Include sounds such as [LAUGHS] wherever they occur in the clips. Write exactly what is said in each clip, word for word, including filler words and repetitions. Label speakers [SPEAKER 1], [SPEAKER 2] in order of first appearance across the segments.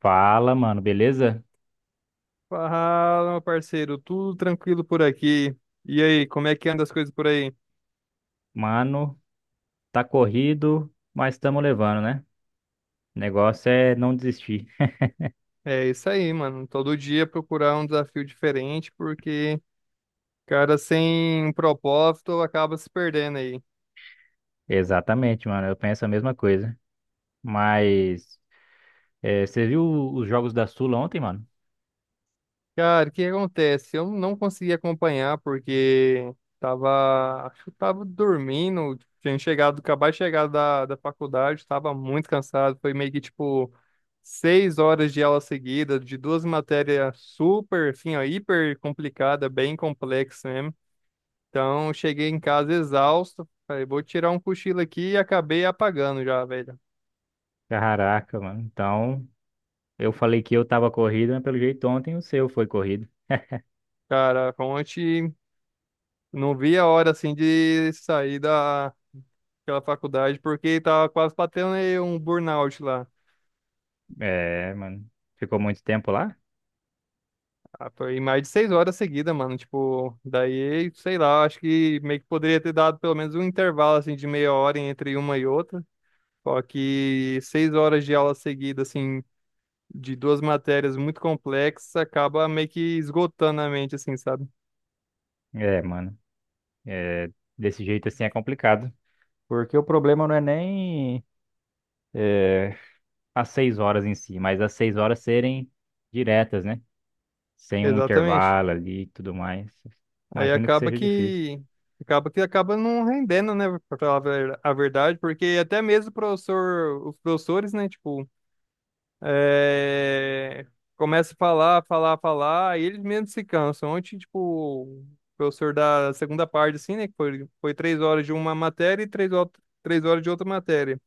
[SPEAKER 1] Fala, mano, beleza?
[SPEAKER 2] Fala, meu parceiro, tudo tranquilo por aqui. E aí, como é que anda as coisas por aí?
[SPEAKER 1] Mano, tá corrido, mas estamos levando, né? O negócio é não desistir.
[SPEAKER 2] É isso aí, mano. Todo dia procurar um desafio diferente, porque, cara, sem um propósito acaba se perdendo aí.
[SPEAKER 1] Exatamente, mano, eu penso a mesma coisa. Mas, é, você viu os jogos da Sula ontem, mano?
[SPEAKER 2] Cara, o que acontece? Eu não consegui acompanhar porque tava, acho que tava dormindo, tinha chegado, acabado de chegar da, da faculdade, tava muito cansado, foi meio que tipo seis horas de aula seguida, de duas matérias super, assim, ó, hiper complicada, bem complexa mesmo. Então, cheguei em casa exausto, falei, vou tirar um cochilo aqui e acabei apagando já, velho.
[SPEAKER 1] Caraca, mano. Então, eu falei que eu tava corrido, mas pelo jeito ontem o seu foi corrido.
[SPEAKER 2] Cara, ontem não vi a hora, assim, de sair da aquela faculdade, porque tava quase batendo aí um burnout lá.
[SPEAKER 1] É, mano. Ficou muito tempo lá?
[SPEAKER 2] Ah, foi mais de seis horas seguidas, mano. Tipo, daí, sei lá, acho que meio que poderia ter dado pelo menos um intervalo, assim, de meia hora entre uma e outra. Só que seis horas de aula seguida, assim, de duas matérias muito complexas, acaba meio que esgotando a mente, assim, sabe?
[SPEAKER 1] É, mano. É, desse jeito assim é complicado. Porque o problema não é nem. as seis horas em si, mas as seis horas serem diretas, né? Sem um
[SPEAKER 2] Exatamente.
[SPEAKER 1] intervalo ali e tudo mais.
[SPEAKER 2] Aí
[SPEAKER 1] Imagino que
[SPEAKER 2] acaba
[SPEAKER 1] seja difícil.
[SPEAKER 2] que acaba que acaba não rendendo, né, pra falar a ver- a verdade, porque até mesmo o professor, os professores, né, tipo, É, começa a falar, falar, falar, e eles mesmos se cansam. Ontem, tipo, o professor da segunda parte, assim, né? Que foi, foi três horas de uma matéria e três, hor- três horas de outra matéria.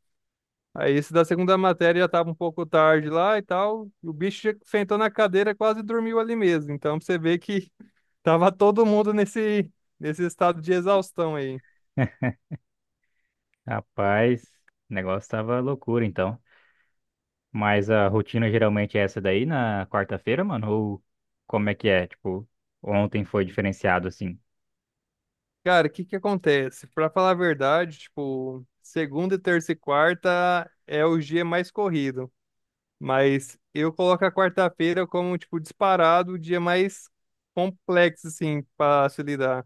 [SPEAKER 2] Aí esse da segunda matéria já tava um pouco tarde lá e tal. E o bicho já sentou na cadeira e quase dormiu ali mesmo. Então pra você vê que [LAUGHS] tava todo mundo nesse, nesse, estado de exaustão aí.
[SPEAKER 1] [LAUGHS] Rapaz, o negócio tava loucura então. Mas a rotina geralmente é essa daí na quarta-feira, mano? Ou como é que é? Tipo, ontem foi diferenciado assim.
[SPEAKER 2] Cara, o que que acontece? Pra falar a verdade, tipo, segunda, terça e quarta é o dia mais corrido. Mas eu coloco a quarta-feira como, tipo, disparado o dia mais complexo, assim, pra se lidar.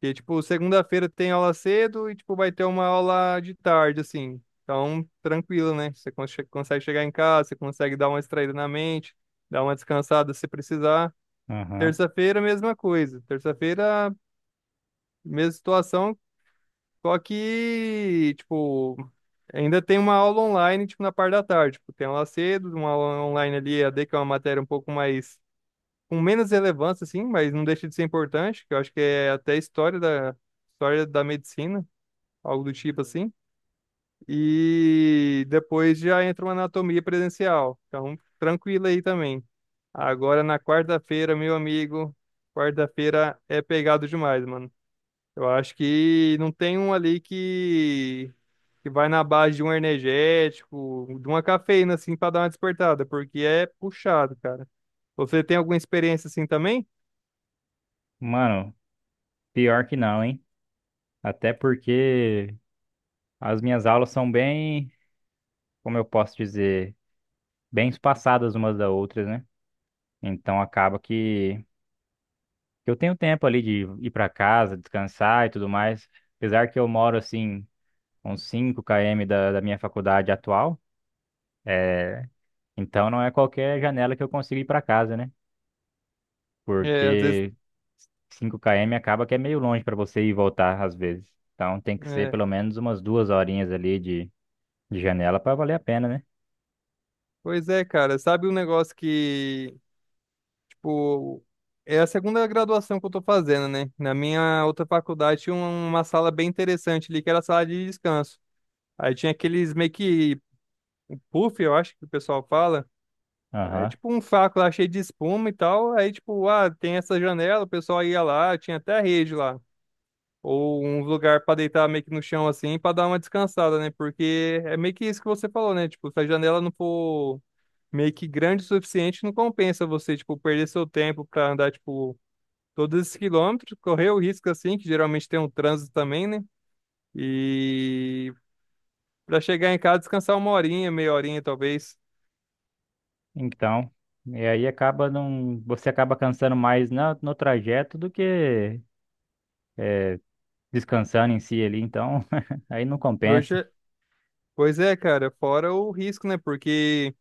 [SPEAKER 2] Porque, tipo, segunda-feira tem aula cedo e, tipo, vai ter uma aula de tarde, assim. Então, tranquilo, né? Você cons- consegue chegar em casa, você consegue dar uma distraída na mente, dar uma descansada se precisar.
[SPEAKER 1] Aham.
[SPEAKER 2] Terça-feira, mesma coisa. Terça-feira, mesma situação, só que, tipo, ainda tem uma aula online, tipo, na parte da tarde. Tipo, tem aula cedo, uma aula online ali, e a E A D, que é uma matéria um pouco mais, com menos relevância, assim, mas não deixa de ser importante, que eu acho que é até história da, história da medicina, algo do tipo assim. E depois já entra uma anatomia presencial. Então, tranquilo aí também. Agora na quarta-feira, meu amigo, quarta-feira é pegado demais, mano. Eu acho que não tem um ali que, que vai na base de um energético, de uma cafeína, assim, pra dar uma despertada, porque é puxado, cara. Você tem alguma experiência assim também?
[SPEAKER 1] Mano, pior que não, hein? Até porque as minhas aulas são bem, como eu posso dizer, bem espaçadas umas da outras, né? Então acaba que Eu tenho tempo ali de ir para casa, descansar e tudo mais. Apesar que eu moro assim, uns cinco km da, da minha faculdade atual, é, então não é qualquer janela que eu consigo ir para casa, né?
[SPEAKER 2] É, às vezes.
[SPEAKER 1] Porque cinco km acaba que é meio longe para você ir e voltar às vezes. Então tem que ser
[SPEAKER 2] É.
[SPEAKER 1] pelo menos umas duas horinhas ali de, de janela para valer a pena, né?
[SPEAKER 2] Pois é, cara. Sabe um negócio que, tipo, é a segunda graduação que eu tô fazendo, né? Na minha outra faculdade tinha um- uma sala bem interessante ali, que era a sala de descanso. Aí tinha aqueles meio que puff, eu acho que o pessoal fala. É
[SPEAKER 1] Aham.
[SPEAKER 2] tipo um saco lá cheio de espuma e tal. Aí, tipo, ah, tem essa janela, o pessoal ia lá, tinha até rede lá. Ou um lugar pra deitar meio que no chão assim, pra dar uma descansada, né? Porque é meio que isso que você falou, né? Tipo, se a janela não for meio que grande o suficiente, não compensa você, tipo, perder seu tempo pra andar, tipo, todos esses quilômetros, correr o risco assim, que geralmente tem um trânsito também, né? E pra chegar em casa, descansar uma horinha, meia horinha talvez.
[SPEAKER 1] Então, e aí acaba não, você acaba cansando mais no, no trajeto do que é, descansando em si ali, então [LAUGHS] aí não
[SPEAKER 2] Por hoje
[SPEAKER 1] compensa.
[SPEAKER 2] é- Pois é, cara, fora o risco, né? Porque.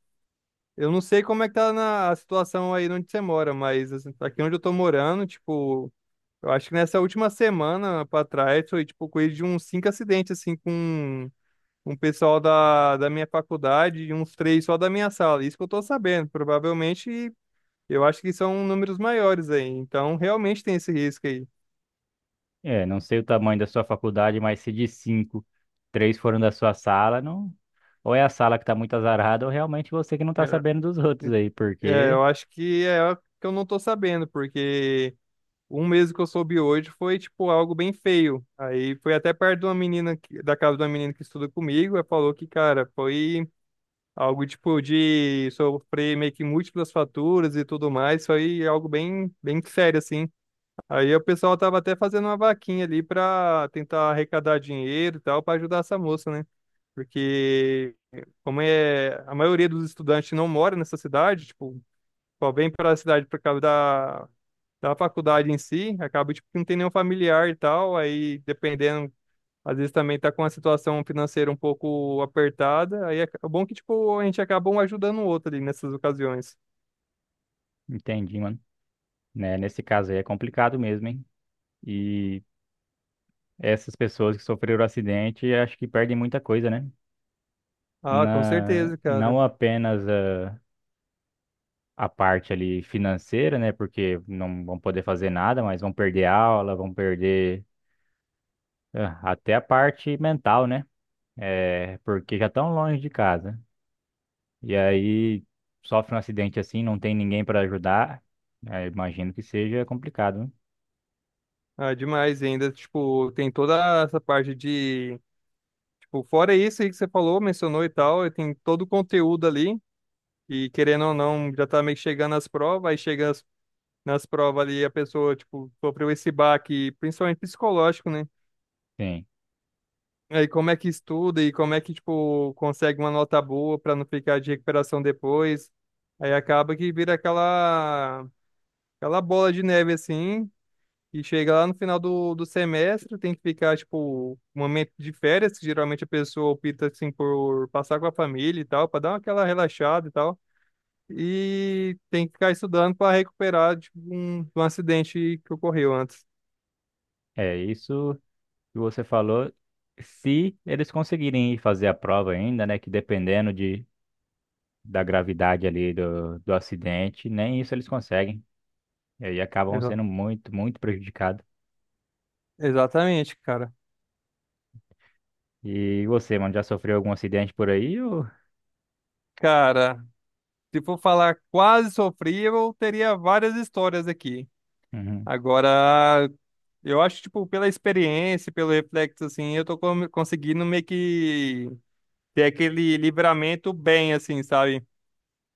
[SPEAKER 2] Eu não sei como é que tá na a situação aí onde você mora, mas assim, aqui onde eu tô morando, tipo, eu acho que nessa última semana pra trás foi tipo coisa de uns cinco acidentes assim com um pessoal da, da minha faculdade e uns três só da minha sala. Isso que eu tô sabendo. Provavelmente eu acho que são números maiores aí. Então realmente tem esse risco aí.
[SPEAKER 1] É, não sei o tamanho da sua faculdade, mas se de cinco, três foram da sua sala, não. Ou é a sala que tá muito azarada, ou realmente você que não tá
[SPEAKER 2] É,
[SPEAKER 1] sabendo dos outros aí,
[SPEAKER 2] é,
[SPEAKER 1] porque.
[SPEAKER 2] eu acho que é o que eu não tô sabendo, porque um mesmo que eu soube hoje foi, tipo, algo bem feio. Aí foi até perto de uma menina, que- da casa de uma menina que estuda comigo, ela falou que, cara, foi algo, tipo, de sofrer meio que múltiplas faturas e tudo mais. Foi algo bem, bem sério, assim. Aí o pessoal tava até fazendo uma vaquinha ali pra tentar arrecadar dinheiro e tal, pra ajudar essa moça, né? Porque, como é, a maioria dos estudantes não mora nessa cidade, tipo, só vem para a cidade por causa da da faculdade em si, acaba tipo, que não tem nenhum familiar e tal, aí dependendo, às vezes também tá com a situação financeira um pouco apertada, aí é é bom que tipo a gente acaba um ajudando o outro ali nessas ocasiões.
[SPEAKER 1] Entendi, mano. Né, nesse caso aí é complicado mesmo, hein? E essas pessoas que sofreram o acidente, acho que perdem muita coisa, né?
[SPEAKER 2] Ah, com
[SPEAKER 1] Na,
[SPEAKER 2] certeza, cara.
[SPEAKER 1] não apenas a, a parte ali financeira, né? Porque não vão poder fazer nada, mas vão perder aula, vão perder, É, Até a parte mental, né? É, porque já estão longe de casa. E aí sofre um acidente assim, não tem ninguém para ajudar. É, imagino que seja complicado, né?
[SPEAKER 2] Ah, demais e ainda, tipo, tem toda essa parte de, tipo, fora isso aí que você falou, mencionou e tal, e tem todo o conteúdo ali, e querendo ou não, já tá meio que chegando às provas, aí chega as nas provas ali a pessoa, tipo, sofreu esse baque, principalmente psicológico, né?
[SPEAKER 1] Sim.
[SPEAKER 2] Aí como é que estuda e como é que, tipo, consegue uma nota boa pra não ficar de recuperação depois. Aí acaba que vira aquela, aquela, bola de neve, assim, e chega lá no final do, do semestre, tem que ficar, tipo, um momento de férias, que geralmente a pessoa opta, assim, por passar com a família e tal, pra dar aquela relaxada e tal. E tem que ficar estudando pra recuperar, tipo, um, um acidente que ocorreu antes.
[SPEAKER 1] É isso que você falou. Se eles conseguirem ir fazer a prova ainda, né? Que dependendo de, da gravidade ali do, do acidente, nem isso eles conseguem. E aí acabam
[SPEAKER 2] Exa-
[SPEAKER 1] sendo muito, muito prejudicados.
[SPEAKER 2] Exatamente, cara.
[SPEAKER 1] E você, mano, já sofreu algum acidente por aí? Ou...
[SPEAKER 2] Cara, se for falar quase sofrível, teria várias histórias aqui.
[SPEAKER 1] Uhum.
[SPEAKER 2] Agora, eu acho, tipo, pela experiência, pelo reflexo, assim, eu tô com- conseguindo meio que ter aquele livramento bem, assim, sabe?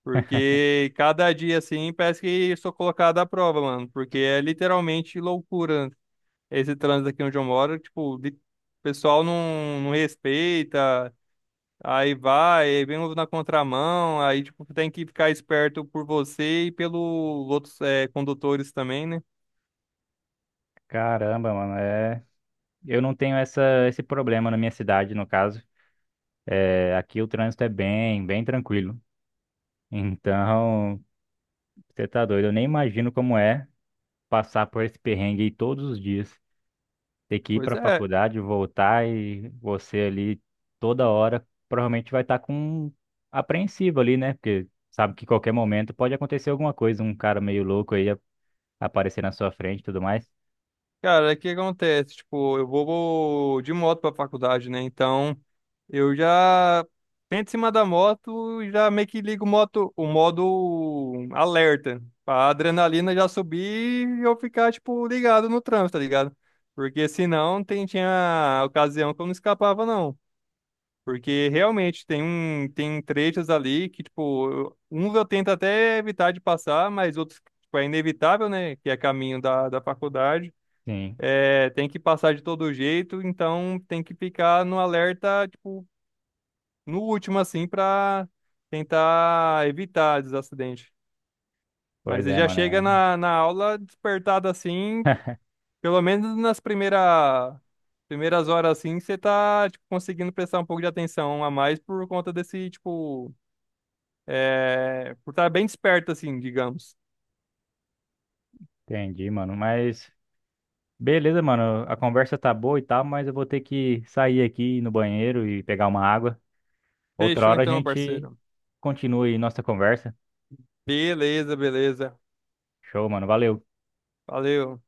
[SPEAKER 2] Porque cada dia, assim, parece que eu sou colocado à prova, mano. Porque é literalmente loucura esse trânsito aqui onde eu moro. Tipo, de- o pessoal não, não respeita. Aí vai, aí vem uns na contramão, aí tipo, tem que ficar esperto por você e pelos outros eh, condutores também, né?
[SPEAKER 1] Caramba, mano, é. Eu não tenho essa, esse problema na minha cidade, no caso. É, aqui o trânsito é bem, bem tranquilo. Então, você tá doido. Eu nem imagino como é passar por esse perrengue aí todos os dias. Ter que ir
[SPEAKER 2] Pois
[SPEAKER 1] pra
[SPEAKER 2] é,
[SPEAKER 1] faculdade, voltar e você ali toda hora provavelmente vai estar com apreensivo ali, né? Porque sabe que qualquer momento pode acontecer alguma coisa, um cara meio louco aí a- aparecer na sua frente e tudo mais.
[SPEAKER 2] cara, o que acontece? Tipo, eu vou, vou de moto pra faculdade, né? Então, eu já sento em cima da moto e já meio que ligo o moto, o modo alerta, pra adrenalina já subir e eu ficar, tipo, ligado no trânsito, tá ligado? Porque senão tem, tinha ocasião que eu não escapava, não. Porque realmente tem um tem trechos ali que, tipo, eu- uns eu tento até evitar de passar, mas outros, tipo, é inevitável, né? Que é caminho da, da faculdade.
[SPEAKER 1] Sim,
[SPEAKER 2] É, tem que passar de todo jeito, então tem que ficar no alerta, tipo, no último, assim, pra tentar evitar os acidentes. Mas
[SPEAKER 1] pois
[SPEAKER 2] ele
[SPEAKER 1] é,
[SPEAKER 2] já chega
[SPEAKER 1] mano.
[SPEAKER 2] na, na aula despertado assim,
[SPEAKER 1] [LAUGHS]
[SPEAKER 2] pelo menos nas primeira, primeiras horas, assim, você tá, tipo, conseguindo prestar um pouco de atenção a mais por conta desse, tipo. É, por estar bem desperto, assim, digamos.
[SPEAKER 1] Entendi, mano. Mas. Beleza, mano. A conversa tá boa e tal, mas eu vou ter que sair aqui no banheiro e pegar uma água. Outra
[SPEAKER 2] Fechou
[SPEAKER 1] hora a
[SPEAKER 2] então,
[SPEAKER 1] gente
[SPEAKER 2] parceiro.
[SPEAKER 1] continua aí nossa conversa.
[SPEAKER 2] Beleza, beleza.
[SPEAKER 1] Show, mano. Valeu.
[SPEAKER 2] Valeu.